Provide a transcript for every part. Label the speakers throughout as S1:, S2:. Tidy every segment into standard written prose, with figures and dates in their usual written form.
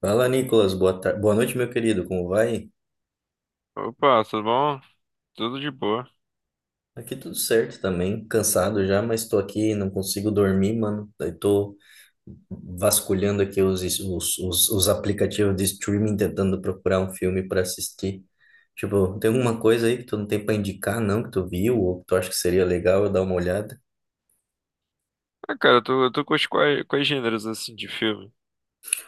S1: Fala, Nicolas. Boa tarde. Boa noite, meu querido. Como vai?
S2: Opa, tudo bom? Tudo de boa.
S1: Aqui tudo certo também. Cansado já, mas tô aqui, não consigo dormir, mano. Daí tô vasculhando aqui os aplicativos de streaming tentando procurar um filme pra assistir. Tipo, tem alguma coisa aí que tu não tem pra indicar, não, que tu viu ou que tu acha que seria legal eu dar uma olhada?
S2: Ah, cara, eu tô com quais gêneros assim de filme?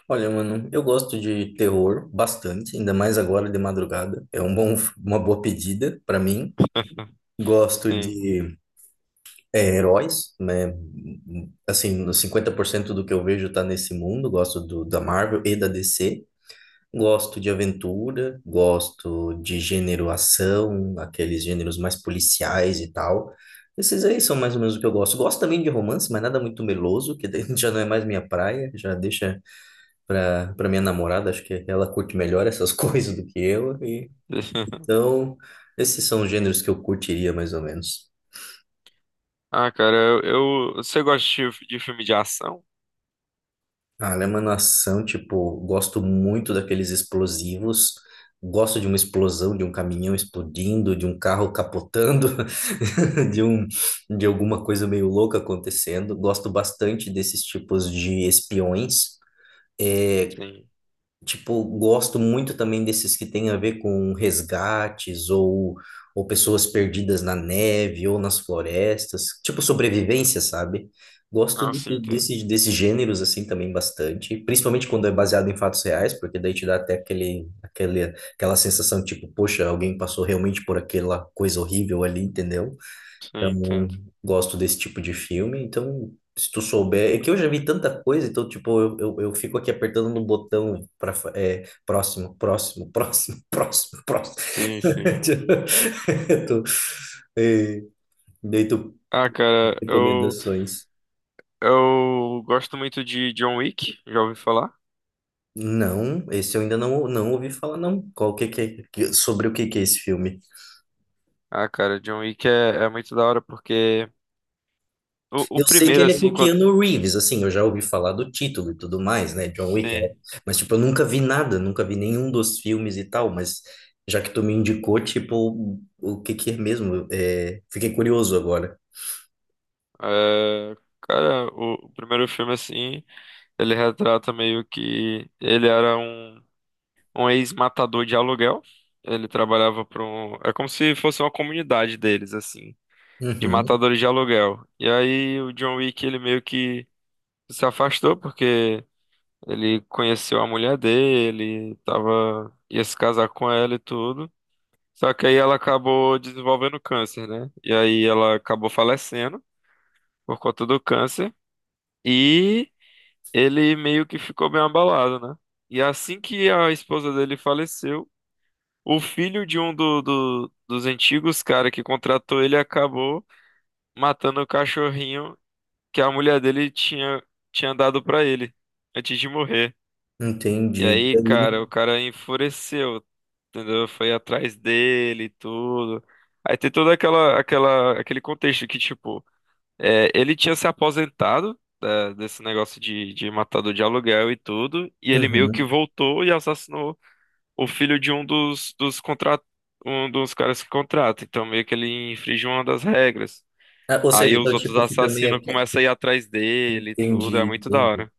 S1: Olha, mano, eu gosto de terror bastante, ainda mais agora de madrugada. Uma boa pedida pra mim. Gosto
S2: Sim.
S1: de heróis, né? Assim, no 50% do que eu vejo tá nesse mundo. Gosto da Marvel e da DC. Gosto de aventura, gosto de gênero ação, aqueles gêneros mais policiais e tal. Esses aí são mais ou menos o que eu gosto. Gosto também de romance, mas nada muito meloso, que daí já não é mais minha praia, já deixa pra minha namorada, acho que ela curte melhor essas coisas do que eu. E então, esses são os gêneros que eu curtiria mais ou menos.
S2: Ah, cara, você gosta de, de filme de ação?
S1: Ah, Ela é uma Nação, tipo, gosto muito daqueles explosivos, gosto de uma explosão, de um caminhão explodindo, de um carro capotando, de um, de alguma coisa meio louca acontecendo. Gosto bastante desses tipos de espiões.
S2: Sim.
S1: Tipo, gosto muito também desses que têm a ver com resgates ou pessoas perdidas na neve ou nas florestas, tipo sobrevivência, sabe? Gosto
S2: Ah, sim,
S1: desse,
S2: entendo.
S1: desse, desses gêneros assim também bastante, principalmente quando é baseado em fatos reais, porque daí te dá até aquela sensação tipo, poxa, alguém passou realmente por aquela coisa horrível ali, entendeu?
S2: Sim,
S1: Então,
S2: entendo.
S1: gosto desse tipo de filme. Então, se tu souber, é que eu já vi tanta coisa, então, tipo, eu fico aqui apertando no botão para próximo, próximo, próximo, próximo, próximo.
S2: Sim, sim.
S1: Tipo, e, daí tu
S2: Ah, cara, eu,
S1: recomendações.
S2: eu gosto muito de John Wick, já ouvi falar?
S1: Não, esse eu ainda não, não ouvi falar, não. Qual que, é, que- Sobre o que que é esse filme?
S2: Ah, cara, John Wick é muito da hora porque o
S1: Eu sei que
S2: primeiro,
S1: ele é com
S2: assim,
S1: o
S2: quando.
S1: Keanu Reeves, assim, eu já ouvi falar do título e tudo mais, né? John Wick, é.
S2: Sim.
S1: Mas tipo, eu nunca vi nada, nunca vi nenhum dos filmes e tal, mas já que tu me indicou, tipo, o que que é mesmo? É, fiquei curioso agora.
S2: É, cara, o primeiro filme, assim. Ele retrata meio que ele era um ex-matador de aluguel. Ele trabalhava para um. É como se fosse uma comunidade deles, assim, de
S1: Uhum,
S2: matadores de aluguel. E aí o John Wick, ele meio que se afastou porque ele conheceu a mulher dele, tava, ia se casar com ela e tudo. Só que aí ela acabou desenvolvendo câncer, né? E aí ela acabou falecendo por conta do câncer. E. ele meio que ficou bem abalado, né? E assim que a esposa dele faleceu, o filho de dos antigos cara que contratou ele acabou matando o cachorrinho que a mulher dele tinha dado pra ele antes de morrer. E
S1: entendi.
S2: aí,
S1: Aí
S2: cara, o
S1: no-
S2: cara enfureceu, entendeu? Foi atrás dele e tudo. Aí tem toda aquele contexto que, tipo, é, ele tinha se aposentado desse negócio de matador de aluguel e tudo, e ele meio que
S1: Uhum.
S2: voltou e assassinou o filho dos um dos caras que contrata. Então meio que ele infringiu uma das regras.
S1: Ah, ou seja,
S2: Aí
S1: então,
S2: os outros
S1: tipo, fica meio...
S2: assassinos
S1: aqui-
S2: começam a ir atrás dele e tudo, é
S1: Entendi,
S2: muito da
S1: entendi.
S2: hora.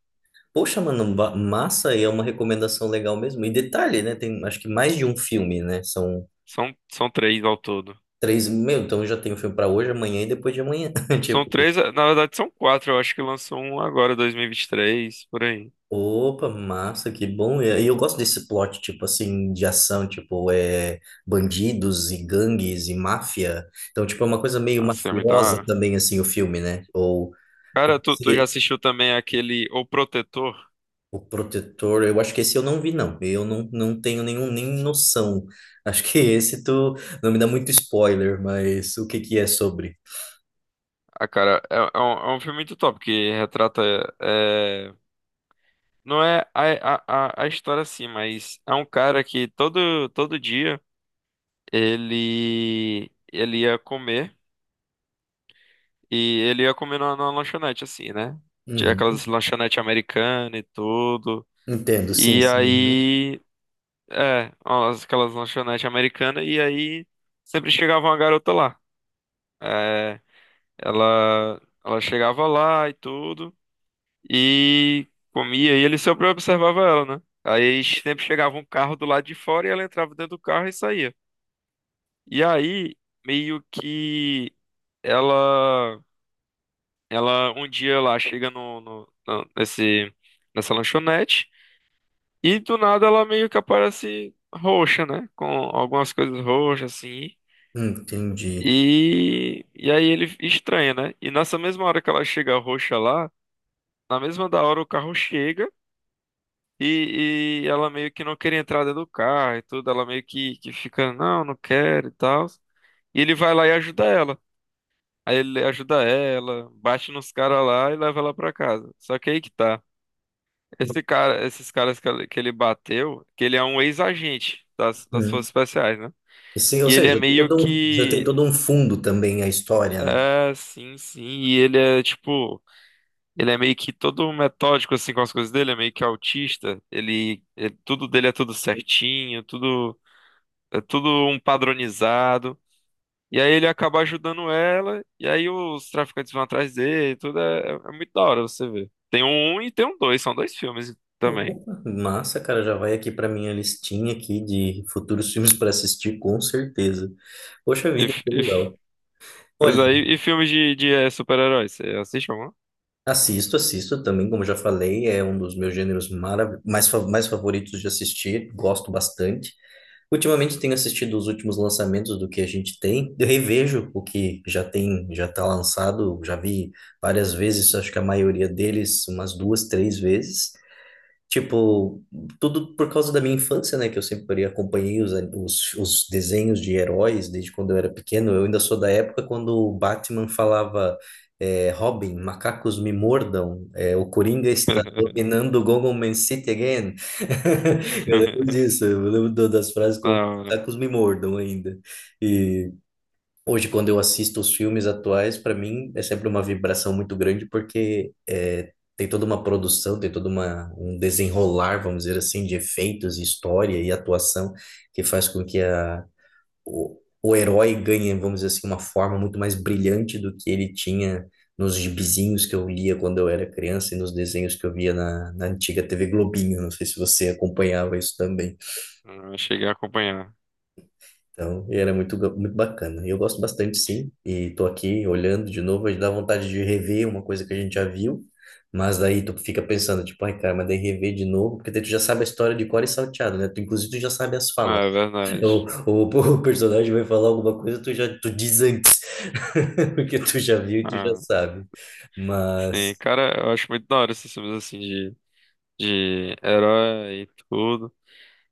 S1: Poxa, mano, massa, e é uma recomendação legal mesmo. E detalhe, né? Tem, acho que mais de um filme, né? São
S2: São, são três ao todo.
S1: três... Meu, então já tem o filme pra hoje, amanhã e depois de amanhã.
S2: São três, é, na verdade são quatro, eu acho que lançou um agora, 2023, por aí.
S1: Opa, massa, que bom. E eu gosto desse plot, tipo assim, de ação, tipo, é bandidos e gangues e máfia. Então, tipo, é uma coisa meio
S2: Nossa, é muito da
S1: mafiosa
S2: hora.
S1: também, assim, o filme, né? Ou
S2: Cara, tu já
S1: se-
S2: assistiu também aquele O Protetor?
S1: O Protetor, eu acho que esse eu não vi, não. Eu não, não tenho nenhum, nem noção. Acho que esse tu não me dá muito spoiler, mas o que que é sobre?
S2: Ah, cara, é um filme muito top que retrata. É, não é a história assim, mas é um cara que todo dia ele ia comer e ele ia comer numa lanchonete, assim, né? Tinha
S1: Uhum.
S2: aquelas lanchonetes americanas e tudo.
S1: Entendo, sim,
S2: E
S1: sim. Uhum.
S2: aí. É, aquelas lanchonetes americanas e aí sempre chegava uma garota lá. É, ela chegava lá e tudo. E comia, e ele sempre observava ela, né? Aí sempre chegava um carro do lado de fora e ela entrava dentro do carro e saía. E aí, meio que ela, ela um dia lá chega nesse, nessa lanchonete e do nada ela meio que aparece roxa, né? Com algumas coisas roxas assim.
S1: Entendi.
S2: E aí ele estranha, né? E nessa mesma hora que ela chega roxa lá, na mesma da hora o carro chega. E ela meio que não queria entrar dentro do carro e tudo. Ela meio que fica, não, não quero e tal. E ele vai lá e ajuda ela. Aí ele ajuda ela, bate nos caras lá e leva ela pra casa. Só que aí que tá. Esse cara, esses caras que ele bateu, que ele é um ex-agente das Forças
S1: Hum.
S2: Especiais, né?
S1: Sim, ou
S2: E ele é
S1: seja, tem
S2: meio
S1: todo um, já tem
S2: que.
S1: todo um fundo também a história, né?
S2: É, sim, sim. E ele é tipo. Ele é meio que todo metódico assim com as coisas dele, é meio que autista. Ele, tudo dele é tudo certinho, tudo É tudo um padronizado. E aí ele acaba ajudando ela, e aí os traficantes vão atrás dele, tudo é, é muito da hora você ver. Tem um um e tem um dois, são dois filmes também.
S1: Opa, massa, cara, já vai aqui pra minha listinha aqui de futuros filmes para assistir, com certeza. Poxa
S2: E,
S1: vida,
S2: f-
S1: que
S2: e f-
S1: legal. Olha,
S2: e filmes de super-heróis, você assiste algum?
S1: assisto, assisto também, como já falei, é um dos meus gêneros mais favoritos de assistir, gosto bastante. Ultimamente tenho assistido os últimos lançamentos do que a gente tem, eu revejo o que já tem, já está lançado, já vi várias vezes, acho que a maioria deles umas duas, três vezes. Tipo, tudo por causa da minha infância, né? Que eu sempre acompanhei os desenhos de heróis desde quando eu era pequeno. Eu ainda sou da época quando o Batman falava, é, Robin, macacos me mordam, é, o Coringa está dominando Gotham City again. Eu lembro disso, eu lembro das frases
S2: Da
S1: como
S2: hora.
S1: macacos me mordam ainda. E hoje, quando eu assisto os filmes atuais, para mim é sempre uma vibração muito grande, porque é, tem toda uma produção, tem todo uma, um desenrolar, vamos dizer assim, de efeitos, história e atuação, que faz com que o herói ganhe, vamos dizer assim, uma forma muito mais brilhante do que ele tinha nos gibizinhos que eu lia quando eu era criança e nos desenhos que eu via na antiga TV Globinho. Não sei se você acompanhava isso também.
S2: Ah, cheguei a acompanhar.
S1: Então, e era muito, muito bacana. E eu gosto bastante, sim. E tô aqui olhando de novo, aí dá vontade de rever uma coisa que a gente já viu. Mas daí tu fica pensando, tipo, ai, cara, mas daí rever de novo, porque daí tu já sabe a história de cor e salteado, né? Tu, inclusive, tu já sabe as
S2: Ah,
S1: falas.
S2: é verdade.
S1: O personagem vai falar alguma coisa, tu já tu diz antes, porque tu já viu e tu já
S2: Ah,
S1: sabe.
S2: sim,
S1: Mas,
S2: cara, eu acho muito da hora esses filmes assim de herói e tudo.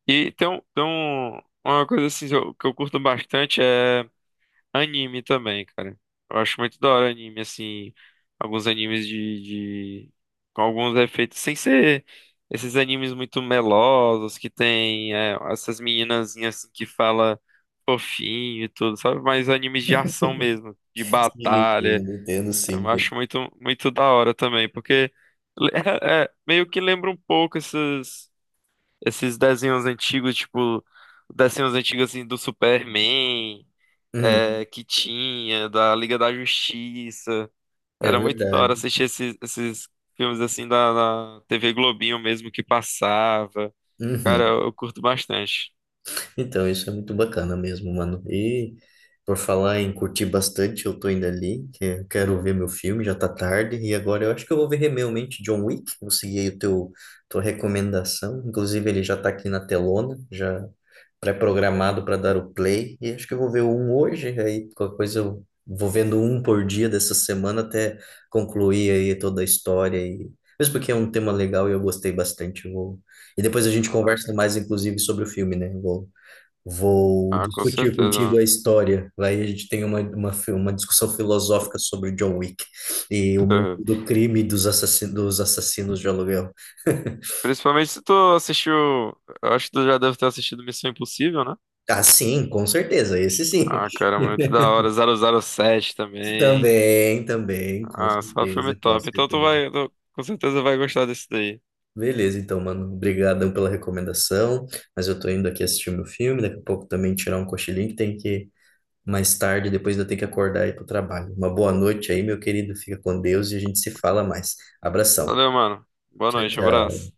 S2: E tem, tem uma coisa assim que eu curto bastante é anime também, cara. Eu acho muito da hora anime, assim. Alguns animes de, de- com alguns efeitos. Sem ser esses animes muito melosos que tem é, essas meninazinhas assim, que fala fofinho e tudo, sabe? Mas animes de ação mesmo, de
S1: sim,
S2: batalha.
S1: eu entendo,
S2: Eu
S1: sim.
S2: acho muito da hora também, porque é- é, meio que lembra um pouco esses desenhos antigos, tipo. Desenhos antigos assim do Superman
S1: Hum,
S2: é, que tinha, da Liga da Justiça.
S1: é
S2: Era muito da
S1: verdade.
S2: hora assistir esses filmes assim da TV Globinho mesmo que passava. Cara,
S1: Uhum.
S2: eu curto bastante.
S1: Então, isso é muito bacana mesmo, mano. E por falar em curtir bastante, eu tô indo ali, que eu quero ver meu filme, já tá tarde, e agora eu acho que eu vou ver realmente John Wick, vou seguir aí o tua recomendação. Inclusive, ele já tá aqui na telona, já pré-programado para dar o play, e acho que eu vou ver um hoje, aí qualquer coisa eu vou vendo um por dia dessa semana até concluir aí toda a história, e mesmo porque é um tema legal e eu gostei bastante, eu vou... E depois a gente
S2: Ah,
S1: conversa mais, inclusive, sobre o filme, né? Vou
S2: ah, com
S1: discutir
S2: certeza,
S1: contigo a
S2: mano.
S1: história. Lá a gente tem uma discussão filosófica sobre John Wick e o mundo do crime e dos assassinos de aluguel.
S2: Principalmente se tu assistiu. Eu acho que tu já deve ter assistido Missão Impossível, né?
S1: Ah, sim, com certeza, esse sim.
S2: Ah, cara, muito da hora. 007 também.
S1: Também, também, com
S2: Ah, só filme
S1: certeza, com
S2: top. Então tu
S1: certeza.
S2: vai, tu com certeza vai gostar desse daí.
S1: Beleza, então, mano, obrigadão pela recomendação, mas eu tô indo aqui assistir meu filme, daqui a pouco também tirar um cochilinho que tem que mais tarde, depois eu tenho que acordar e ir para o trabalho. Uma boa noite aí, meu querido. Fica com Deus e a gente se fala mais. Abração.
S2: Valeu, mano. Boa
S1: Tchau,
S2: noite,
S1: tchau.
S2: abraço.